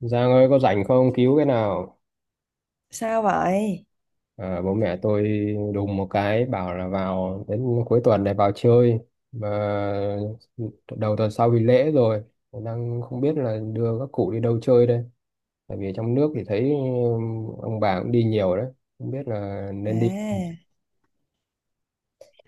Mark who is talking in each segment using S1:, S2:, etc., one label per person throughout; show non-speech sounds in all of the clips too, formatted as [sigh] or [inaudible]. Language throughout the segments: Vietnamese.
S1: Giang ơi, có rảnh không, cứu cái nào.
S2: Sao vậy?
S1: À, bố mẹ tôi đùng một cái bảo là vào đến cuối tuần này vào chơi, mà đầu tuần sau thì lễ rồi, đang không biết là đưa các cụ đi đâu chơi đây. Tại vì trong nước thì thấy ông bà cũng đi nhiều đấy, không biết là nên đi.
S2: À,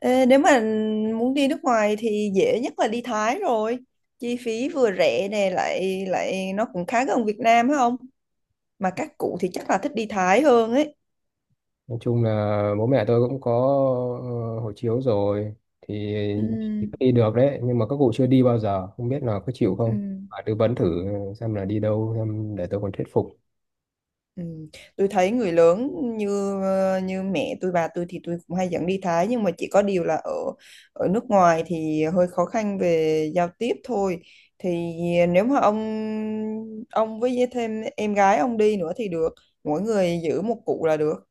S2: Nếu mà muốn đi nước ngoài thì dễ nhất là đi Thái rồi. Chi phí vừa rẻ nè lại lại nó cũng khá gần Việt Nam phải không? Mà các cụ thì chắc là thích đi Thái hơn ấy.
S1: Nói chung là bố mẹ tôi cũng có ờ, hộ chiếu rồi thì
S2: Ừ,
S1: đi được đấy, nhưng mà các cụ chưa đi bao giờ, không biết là có chịu
S2: ừ.
S1: không. Bà tư vấn thử xem là đi đâu xem để tôi còn thuyết phục.
S2: Ừ. Tôi thấy người lớn như như mẹ tôi bà tôi thì tôi cũng hay dẫn đi Thái, nhưng mà chỉ có điều là ở ở nước ngoài thì hơi khó khăn về giao tiếp thôi. Thì nếu mà ông với thêm em gái ông đi nữa thì được, mỗi người giữ một cụ là được.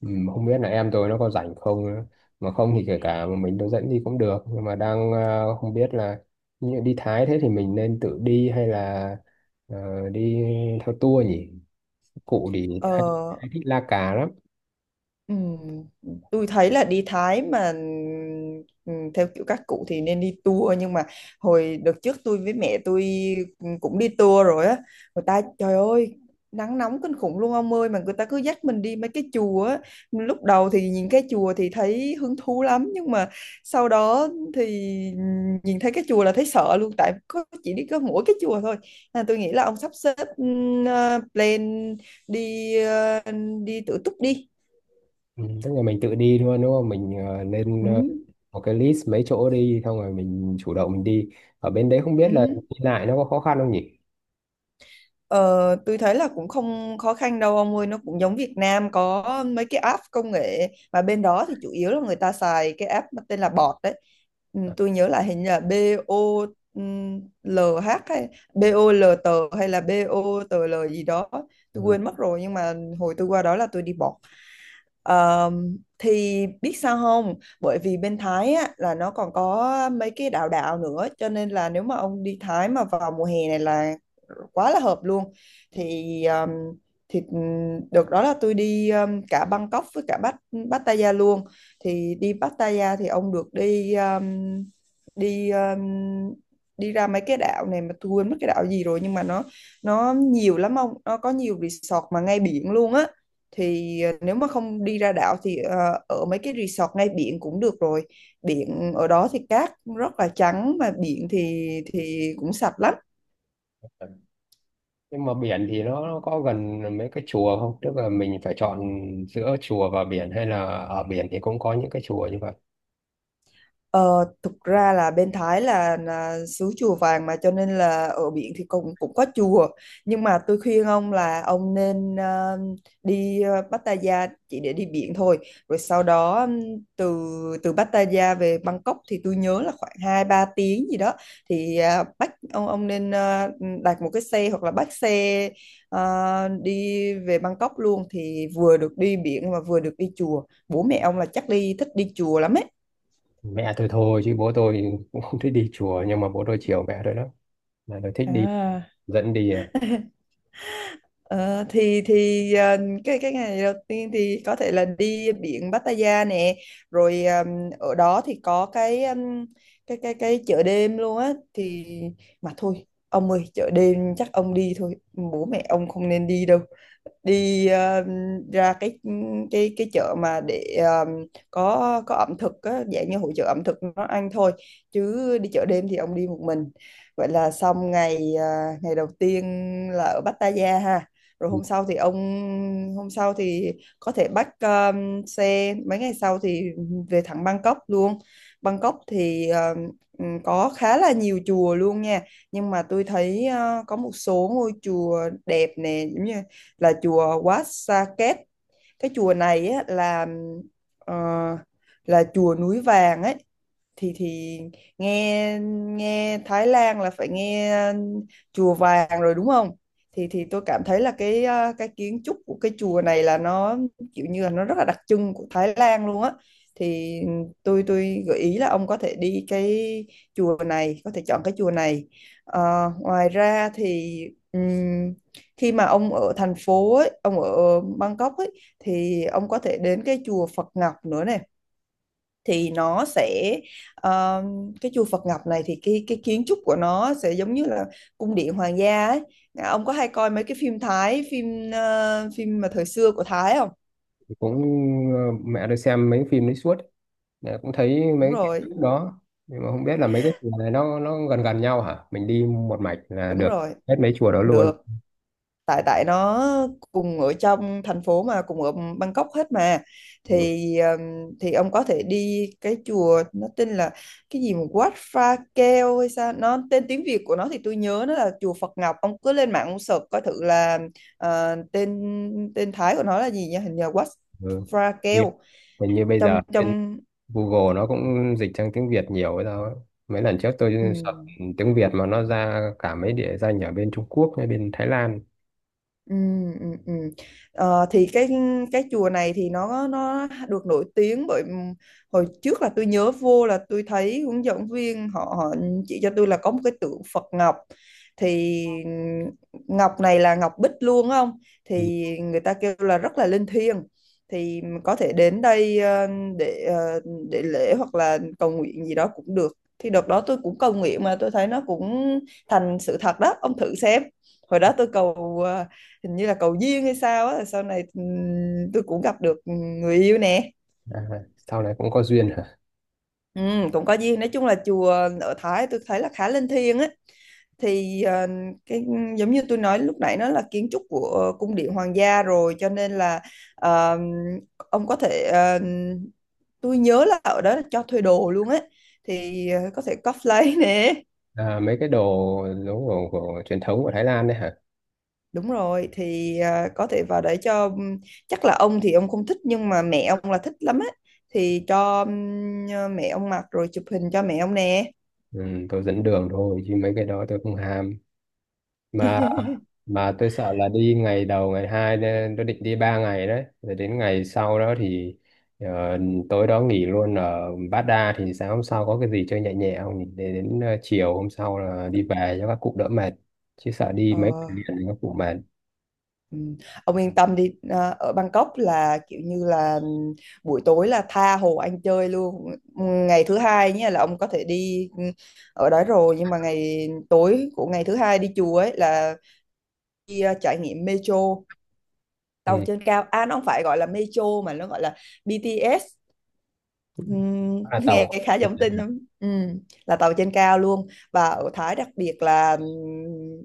S1: Ừ, mà không biết là em tôi nó có rảnh không nữa. Mà không thì kể cả mà mình tôi dẫn đi cũng được, nhưng mà đang không biết là như đi Thái thế thì mình nên tự đi hay là đi theo tour nhỉ. Cụ thì
S2: ờ
S1: hay thích la cà lắm.
S2: Ừ, tôi thấy là đi Thái mà, ừ, theo kiểu các cụ thì nên đi tour, nhưng mà hồi đợt trước tôi với mẹ tôi cũng đi tour rồi á. Người ta trời ơi, nắng nóng kinh khủng luôn ông ơi, mà người ta cứ dắt mình đi mấy cái chùa á. Lúc đầu thì nhìn cái chùa thì thấy hứng thú lắm, nhưng mà sau đó thì nhìn thấy cái chùa là thấy sợ luôn, tại có chỉ đi có mỗi cái chùa thôi. Nên tôi nghĩ là ông sắp xếp plan đi đi tự túc đi.
S1: Ừ, tức là mình tự đi thôi đúng không, mình nên
S2: Ừ.
S1: một cái list mấy chỗ đi xong rồi mình chủ động mình đi. Ở bên đấy không biết là
S2: Ừ.
S1: đi lại nó có khó khăn không nhỉ.
S2: Ờ, tôi thấy là cũng không khó khăn đâu ông ơi, nó cũng giống Việt Nam, có mấy cái app công nghệ, mà bên đó thì chủ yếu là người ta xài cái app mà tên là bọt đấy. Ừ, tôi nhớ là hình như là BOLH hay bê O BOLT hay là bê O BOTL gì đó, tôi quên mất rồi, nhưng mà hồi tôi qua đó là tôi đi bọt. Ờ, thì biết sao không? Bởi vì bên Thái á, là nó còn có mấy cái đảo đảo nữa, cho nên là nếu mà ông đi Thái mà vào mùa hè này là quá là hợp luôn. Thì um, thì Được đó, là tôi đi cả Bangkok với cả Pattaya luôn. Thì đi Pattaya thì ông được đi đi đi ra mấy cái đảo này, mà tôi quên mất cái đảo gì rồi, nhưng mà nó nhiều lắm ông, nó có nhiều resort mà ngay biển luôn á. Thì ờ, nếu mà không đi ra đảo thì ở mấy cái resort ngay biển cũng được rồi. Biển ở đó thì cát rất là trắng, mà biển thì cũng sạch lắm.
S1: Ờ. Nhưng mà biển thì nó có gần mấy cái chùa không, tức là mình phải chọn giữa chùa và biển, hay là ở biển thì cũng có những cái chùa như vậy?
S2: Ờ, thực ra là bên Thái là xứ chùa vàng, mà cho nên là ở biển thì cũng cũng có chùa, nhưng mà tôi khuyên ông là ông nên đi Pattaya chỉ để đi biển thôi, rồi sau đó từ từ Pattaya về Bangkok thì tôi nhớ là khoảng 2 3 tiếng gì đó. Thì à, bắt ông nên đặt một cái xe hoặc là bắt xe đi về Bangkok luôn, thì vừa được đi biển mà vừa được đi chùa, bố mẹ ông là chắc đi thích đi chùa lắm ấy.
S1: Mẹ tôi thôi chứ bố tôi cũng không thích đi chùa, nhưng mà bố tôi chiều mẹ tôi lắm, mẹ tôi thích đi
S2: à.
S1: dẫn đi à.
S2: Ờ, cái ngày đầu tiên thì có thể là đi biển Pattaya nè, rồi ở đó thì có cái cái chợ đêm luôn á. Thì mà thôi ông ơi, chợ đêm chắc ông đi thôi, bố mẹ ông không nên đi đâu. Đi ra cái chợ mà để có ẩm thực á, dạng như hội chợ ẩm thực nó, ăn thôi, chứ đi chợ đêm thì ông đi một mình. Vậy là xong ngày ngày đầu tiên là ở Pattaya ha. Rồi
S1: Ừ,
S2: hôm sau thì có thể bắt xe mấy ngày sau thì về thẳng Bangkok luôn. Bangkok thì có khá là nhiều chùa luôn nha, nhưng mà tôi thấy ờ, có một số ngôi chùa đẹp nè, giống như là chùa Wat Saket. Cái chùa này á, là ờ, là chùa núi vàng ấy. Thì nghe Nghe Thái Lan là phải nghe chùa vàng rồi đúng không. Thì thì Tôi cảm thấy là cái à, cái kiến trúc của cái chùa này là nó kiểu như là nó rất là đặc trưng của Thái Lan luôn á. Thì tôi gợi ý là ông có thể đi cái chùa này, có thể chọn cái chùa này. Ờ, ngoài ra thì ừm, khi mà ông ở thành phố ấy, ông ở Bangkok ấy, thì ông có thể đến cái chùa Phật Ngọc nữa này. Thì nó sẽ ờ, cái chùa Phật Ngọc này thì cái kiến trúc của nó sẽ giống như là cung điện hoàng gia ấy. À, ông có hay coi mấy cái phim Thái, phim phim mà thời xưa của Thái không?
S1: cũng mẹ tôi xem mấy phim đấy suốt. Mẹ cũng thấy
S2: Đúng
S1: mấy cái
S2: rồi,
S1: đó. Nhưng mà không biết là mấy cái chùa này nó gần gần nhau hả, mình đi một mạch là
S2: đúng
S1: được
S2: rồi.
S1: hết mấy chùa đó luôn?
S2: Được. Tại tại nó cùng ở trong thành phố mà, cùng ở Bangkok hết mà.
S1: Ừ.
S2: Thì thì ông có thể đi cái chùa nó tên là cái gì mà Wat Pha Keo hay sao, nó tên tiếng Việt của nó thì tôi nhớ nó là chùa Phật Ngọc. Ông cứ lên mạng ông search coi thử là ờ, tên tên Thái của nó là gì nha, hình như Wat
S1: Ừ.
S2: Pha
S1: Như,
S2: Keo.
S1: Hình như bây
S2: Trong
S1: giờ trên
S2: trong
S1: Google nó cũng dịch sang tiếng Việt nhiều ấy thôi, mấy lần trước
S2: Ừ.
S1: tôi search tiếng Việt mà nó ra cả mấy địa danh ở bên Trung Quốc hay bên Thái Lan.
S2: Ừ, ừ, ừ. Ờ, thì cái chùa này thì nó được nổi tiếng bởi hồi trước là tôi nhớ vô là tôi thấy hướng dẫn viên họ họ chỉ cho tôi là có một cái tượng Phật Ngọc. Thì Ngọc này là Ngọc Bích luôn á không,
S1: Ừ.
S2: thì người ta kêu là rất là linh thiêng. Thì có thể đến đây để ờ, để lễ hoặc là cầu nguyện gì đó cũng được. Thì đợt đó tôi cũng cầu nguyện mà tôi thấy nó cũng thành sự thật đó, ông thử xem. Hồi đó tôi cầu hình như là cầu duyên hay sao á, sau này tôi cũng gặp được người yêu nè.
S1: À, sau này cũng có duyên hả?
S2: Ừ, cũng có duyên, nói chung là chùa ở Thái tôi thấy là khá linh thiêng á. Thì ờ, cái giống như tôi nói lúc nãy, nó là kiến trúc của cung điện hoàng gia rồi, cho nên là ờ, ông có thể tôi nhớ là ở đó là cho thuê đồ luôn á. Thì ờ, có thể cosplay [laughs] nè.
S1: À, mấy cái đồ đồ của truyền thống của Thái Lan đấy hả?
S2: Đúng rồi, thì à, có thể vào để cho, chắc là ông thì ông không thích, nhưng mà mẹ ông là thích lắm á. Thì cho mẹ ông mặc rồi chụp hình cho mẹ ông nè.
S1: Ừ, tôi dẫn đường thôi chứ mấy cái đó tôi không ham. Mà mà tôi sợ là đi ngày đầu ngày hai nên tôi định đi 3 ngày đấy, rồi đến ngày sau đó thì ờ, tối đó nghỉ luôn ở Bát Đa thì sáng hôm sau có cái gì chơi nhẹ nhẹ không, để đến chiều hôm sau là đi về cho các cụ đỡ mệt, chứ sợ đi
S2: ờ,
S1: mấy ngày liền thì các cụ mệt.
S2: ừm, ông yên tâm đi, à, ở Bangkok là kiểu như là buổi tối là tha hồ ăn chơi luôn. Ngày thứ hai nhé, là ông có thể đi ở đó rồi, nhưng mà ngày tối của ngày thứ hai đi chùa ấy, là đi à, trải nghiệm metro, tàu
S1: Ừ.
S2: trên cao. À nó không phải gọi là metro mà nó gọi là BTS.
S1: À,
S2: Nghe
S1: tàu.
S2: khá giống tin nhưng là tàu trên cao luôn. Và ở Thái đặc biệt là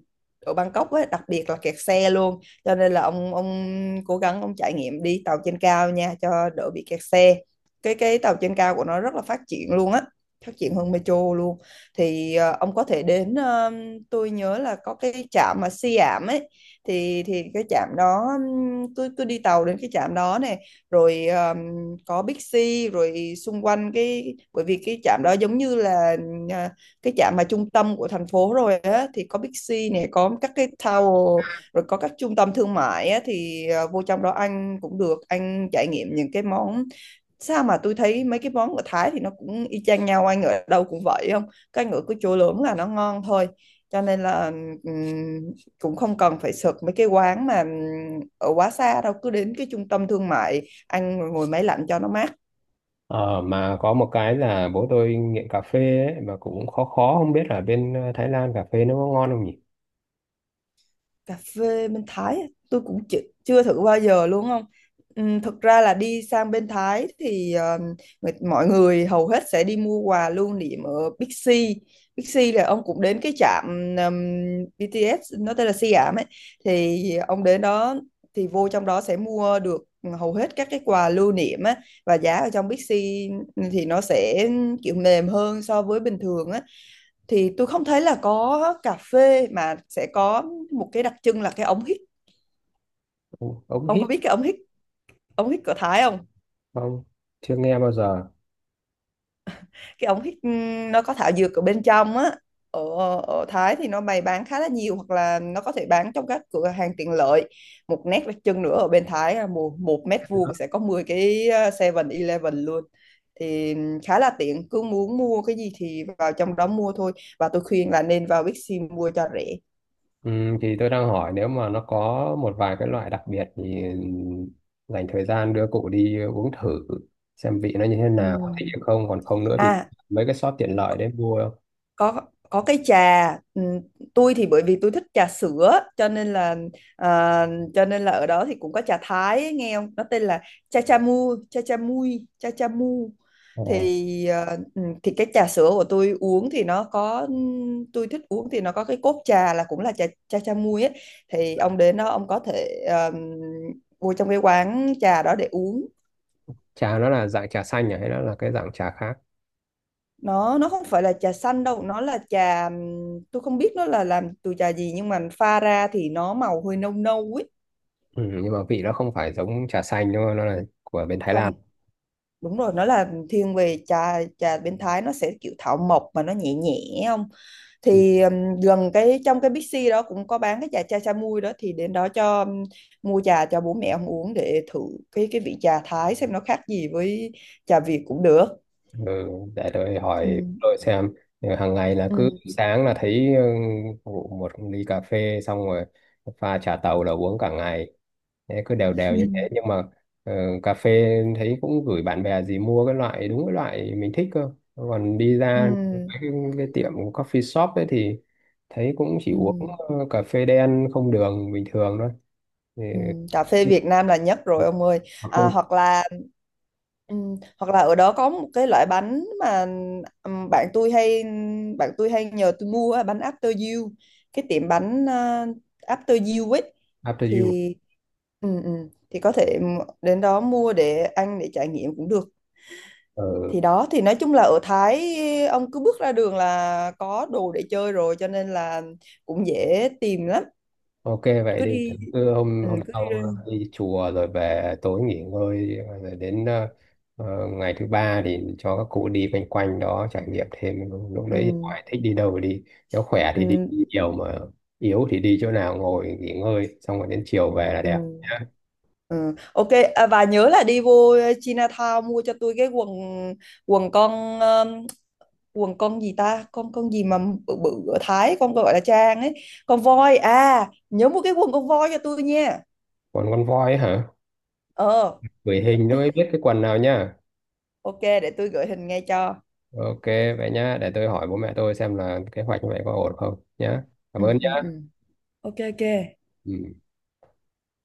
S2: ở Bangkok ấy, đặc biệt là kẹt xe luôn, cho nên là ông cố gắng ông trải nghiệm đi tàu trên cao nha cho đỡ bị kẹt xe. Cái tàu trên cao của nó rất là phát triển luôn á, phát triển hơn metro luôn. Thì ờ, ông có thể đến tôi nhớ là có cái trạm mà Siam ấy. Thì Cái trạm đó tôi đi tàu đến cái trạm đó này, rồi ờ, có Big C, rồi xung quanh cái, bởi vì cái trạm đó giống như là à, cái trạm mà trung tâm của thành phố rồi á, thì có Big C này, có các cái tower, rồi có các trung tâm thương mại á. Thì à, vô trong đó anh cũng được anh trải nghiệm những cái món. Sao mà tôi thấy mấy cái món ở Thái thì nó cũng y chang nhau, anh ở đâu cũng vậy không, cái ngựa cứ chỗ lớn là nó ngon thôi. Cho nên là ừm, cũng không cần phải sực mấy cái quán mà ở quá xa đâu, cứ đến cái trung tâm thương mại ăn rồi ngồi máy lạnh cho nó mát.
S1: Ờ, mà có một cái là bố tôi nghiện cà phê ấy, mà cũng khó khó không biết là bên Thái Lan cà phê nó có ngon không nhỉ?
S2: Cà phê bên Thái á, tôi cũng chưa thử bao giờ luôn không. Thực ra là đi sang bên Thái thì mọi người hầu hết sẽ đi mua quà lưu niệm ở Big C. Big C là ông cũng đến cái trạm ừm, BTS nó tên là Siam ấy, thì ông đến đó thì vô trong đó sẽ mua được hầu hết các cái quà lưu niệm á. Và giá ở trong Big C thì nó sẽ kiểu mềm hơn so với bình thường á. Thì tôi không thấy là có cà phê, mà sẽ có một cái đặc trưng là cái ống hít.
S1: Ông
S2: Ông
S1: hít
S2: có biết cái ống hít, ống hít của Thái không?
S1: không? Chưa nghe bao giờ.
S2: Cái ống hít nó có thảo dược ở bên trong á. ở, Ở Thái thì nó bày bán khá là nhiều, hoặc là nó có thể bán trong các cửa hàng tiện lợi. Một nét đặc trưng nữa ở bên Thái là một mét vuông sẽ có 10 cái Seven eleven luôn. Thì khá là tiện, cứ muốn mua cái gì thì vào trong đó mua thôi. Và tôi khuyên là nên vào Bixi mua cho rẻ.
S1: Ừ, thì tôi đang hỏi nếu mà nó có một vài cái loại đặc biệt thì dành thời gian đưa cụ đi uống thử, xem vị nó như thế nào, có thích
S2: Ừm.
S1: hay không, còn không nữa thì
S2: à.
S1: mấy cái shop tiện lợi đấy mua không?
S2: có có cái trà. Ừ, tôi thì bởi vì tôi thích trà sữa cho nên là à, cho nên là ở đó thì cũng có trà Thái ấy, nghe không, nó tên là cha cha mu, cha cha mui, cha cha mu.
S1: ờ,
S2: Thì thì cái trà sữa của tôi uống thì nó có tôi thích uống thì nó có cái cốt trà là cũng là trà cha cha mui ấy. Thì ông đến đó ông có thể vô trong cái quán trà đó để uống.
S1: Trà nó là dạng trà xanh à, hay nó là cái dạng trà khác?
S2: Nó không phải là trà xanh đâu, nó là trà tôi không biết nó là làm từ trà gì, nhưng mà pha ra thì nó màu hơi nâu nâu ấy.
S1: Ừ, nhưng mà vị nó không phải giống trà xanh đúng không, nó là của bên Thái
S2: Không,
S1: Lan?
S2: đúng rồi, nó là thiên về trà, trà bên Thái nó sẽ kiểu thảo mộc mà nó nhẹ nhẹ không. Thì gần cái trong cái Bixi đó cũng có bán cái trà chai chai mui đó, thì đến đó cho mua trà cho bố mẹ ông uống để thử cái vị trà Thái xem nó khác gì với trà Việt cũng được.
S1: Ừ, để tôi
S2: Ừ.
S1: hỏi tôi xem. Ừ, hàng ngày là cứ
S2: Ừ.
S1: sáng là thấy phục một ly cà phê xong rồi pha trà tàu là uống cả ngày, thế cứ đều đều
S2: Ừ.
S1: như thế, nhưng mà ừ, cà phê thấy cũng gửi bạn bè gì mua cái loại đúng cái loại mình thích cơ, còn đi ra
S2: Ừ.
S1: cái, cái tiệm coffee shop ấy thì thấy cũng chỉ uống
S2: Ừ.
S1: cà phê đen không đường bình thường thôi thì,
S2: Ừ, cà phê Việt Nam là nhất rồi ông ơi. À,
S1: không.
S2: hoặc là ừ, hoặc là ở đó có một cái loại bánh mà ừm, bạn tôi hay bạn tôi hay nhờ tôi mua á, bánh After You, cái tiệm bánh à, After You ấy.
S1: After you.
S2: Thì ừ, ừ, thì có thể đến đó mua để ăn, để trải nghiệm cũng được.
S1: Ờ.
S2: Thì đó, thì nói chung là ở Thái ông cứ bước ra đường là có đồ để chơi rồi, cho nên là cũng dễ tìm lắm.
S1: Ok, vậy
S2: Cứ
S1: đi.
S2: đi,
S1: Cứ hôm
S2: ừ,
S1: hôm
S2: cứ đi ra-
S1: sau đi chùa rồi về tối nghỉ ngơi, rồi đến ngày thứ ba thì cho các cụ đi quanh quanh đó trải nghiệm thêm, lúc
S2: Ừ.
S1: đấy thì hỏi thích đi đâu thì đi. Nếu khỏe thì đi
S2: Ừ.
S1: nhiều, mà yếu thì đi chỗ nào ngồi nghỉ ngơi, xong rồi đến chiều về là
S2: Ừ.
S1: đẹp nhá.
S2: Ừ. Ok. À, và nhớ là đi vô Chinatown mua cho tôi cái quần, quần con um, quần con gì ta, con gì mà bự bự ở Thái con gọi là Trang ấy. Con voi, à nhớ mua cái quần con voi cho tôi nha.
S1: Còn con voi ấy hả?
S2: ờ.
S1: Gửi hình cho mới biết cái quần nào nhá.
S2: Ok, để tôi gửi hình ngay cho.
S1: Ok, vậy nhá, để tôi hỏi bố mẹ tôi xem là kế hoạch như vậy có ổn không nhá. Cảm
S2: Ừ,
S1: ơn nhá.
S2: ừ, ừ. Ok ok.
S1: Ừ.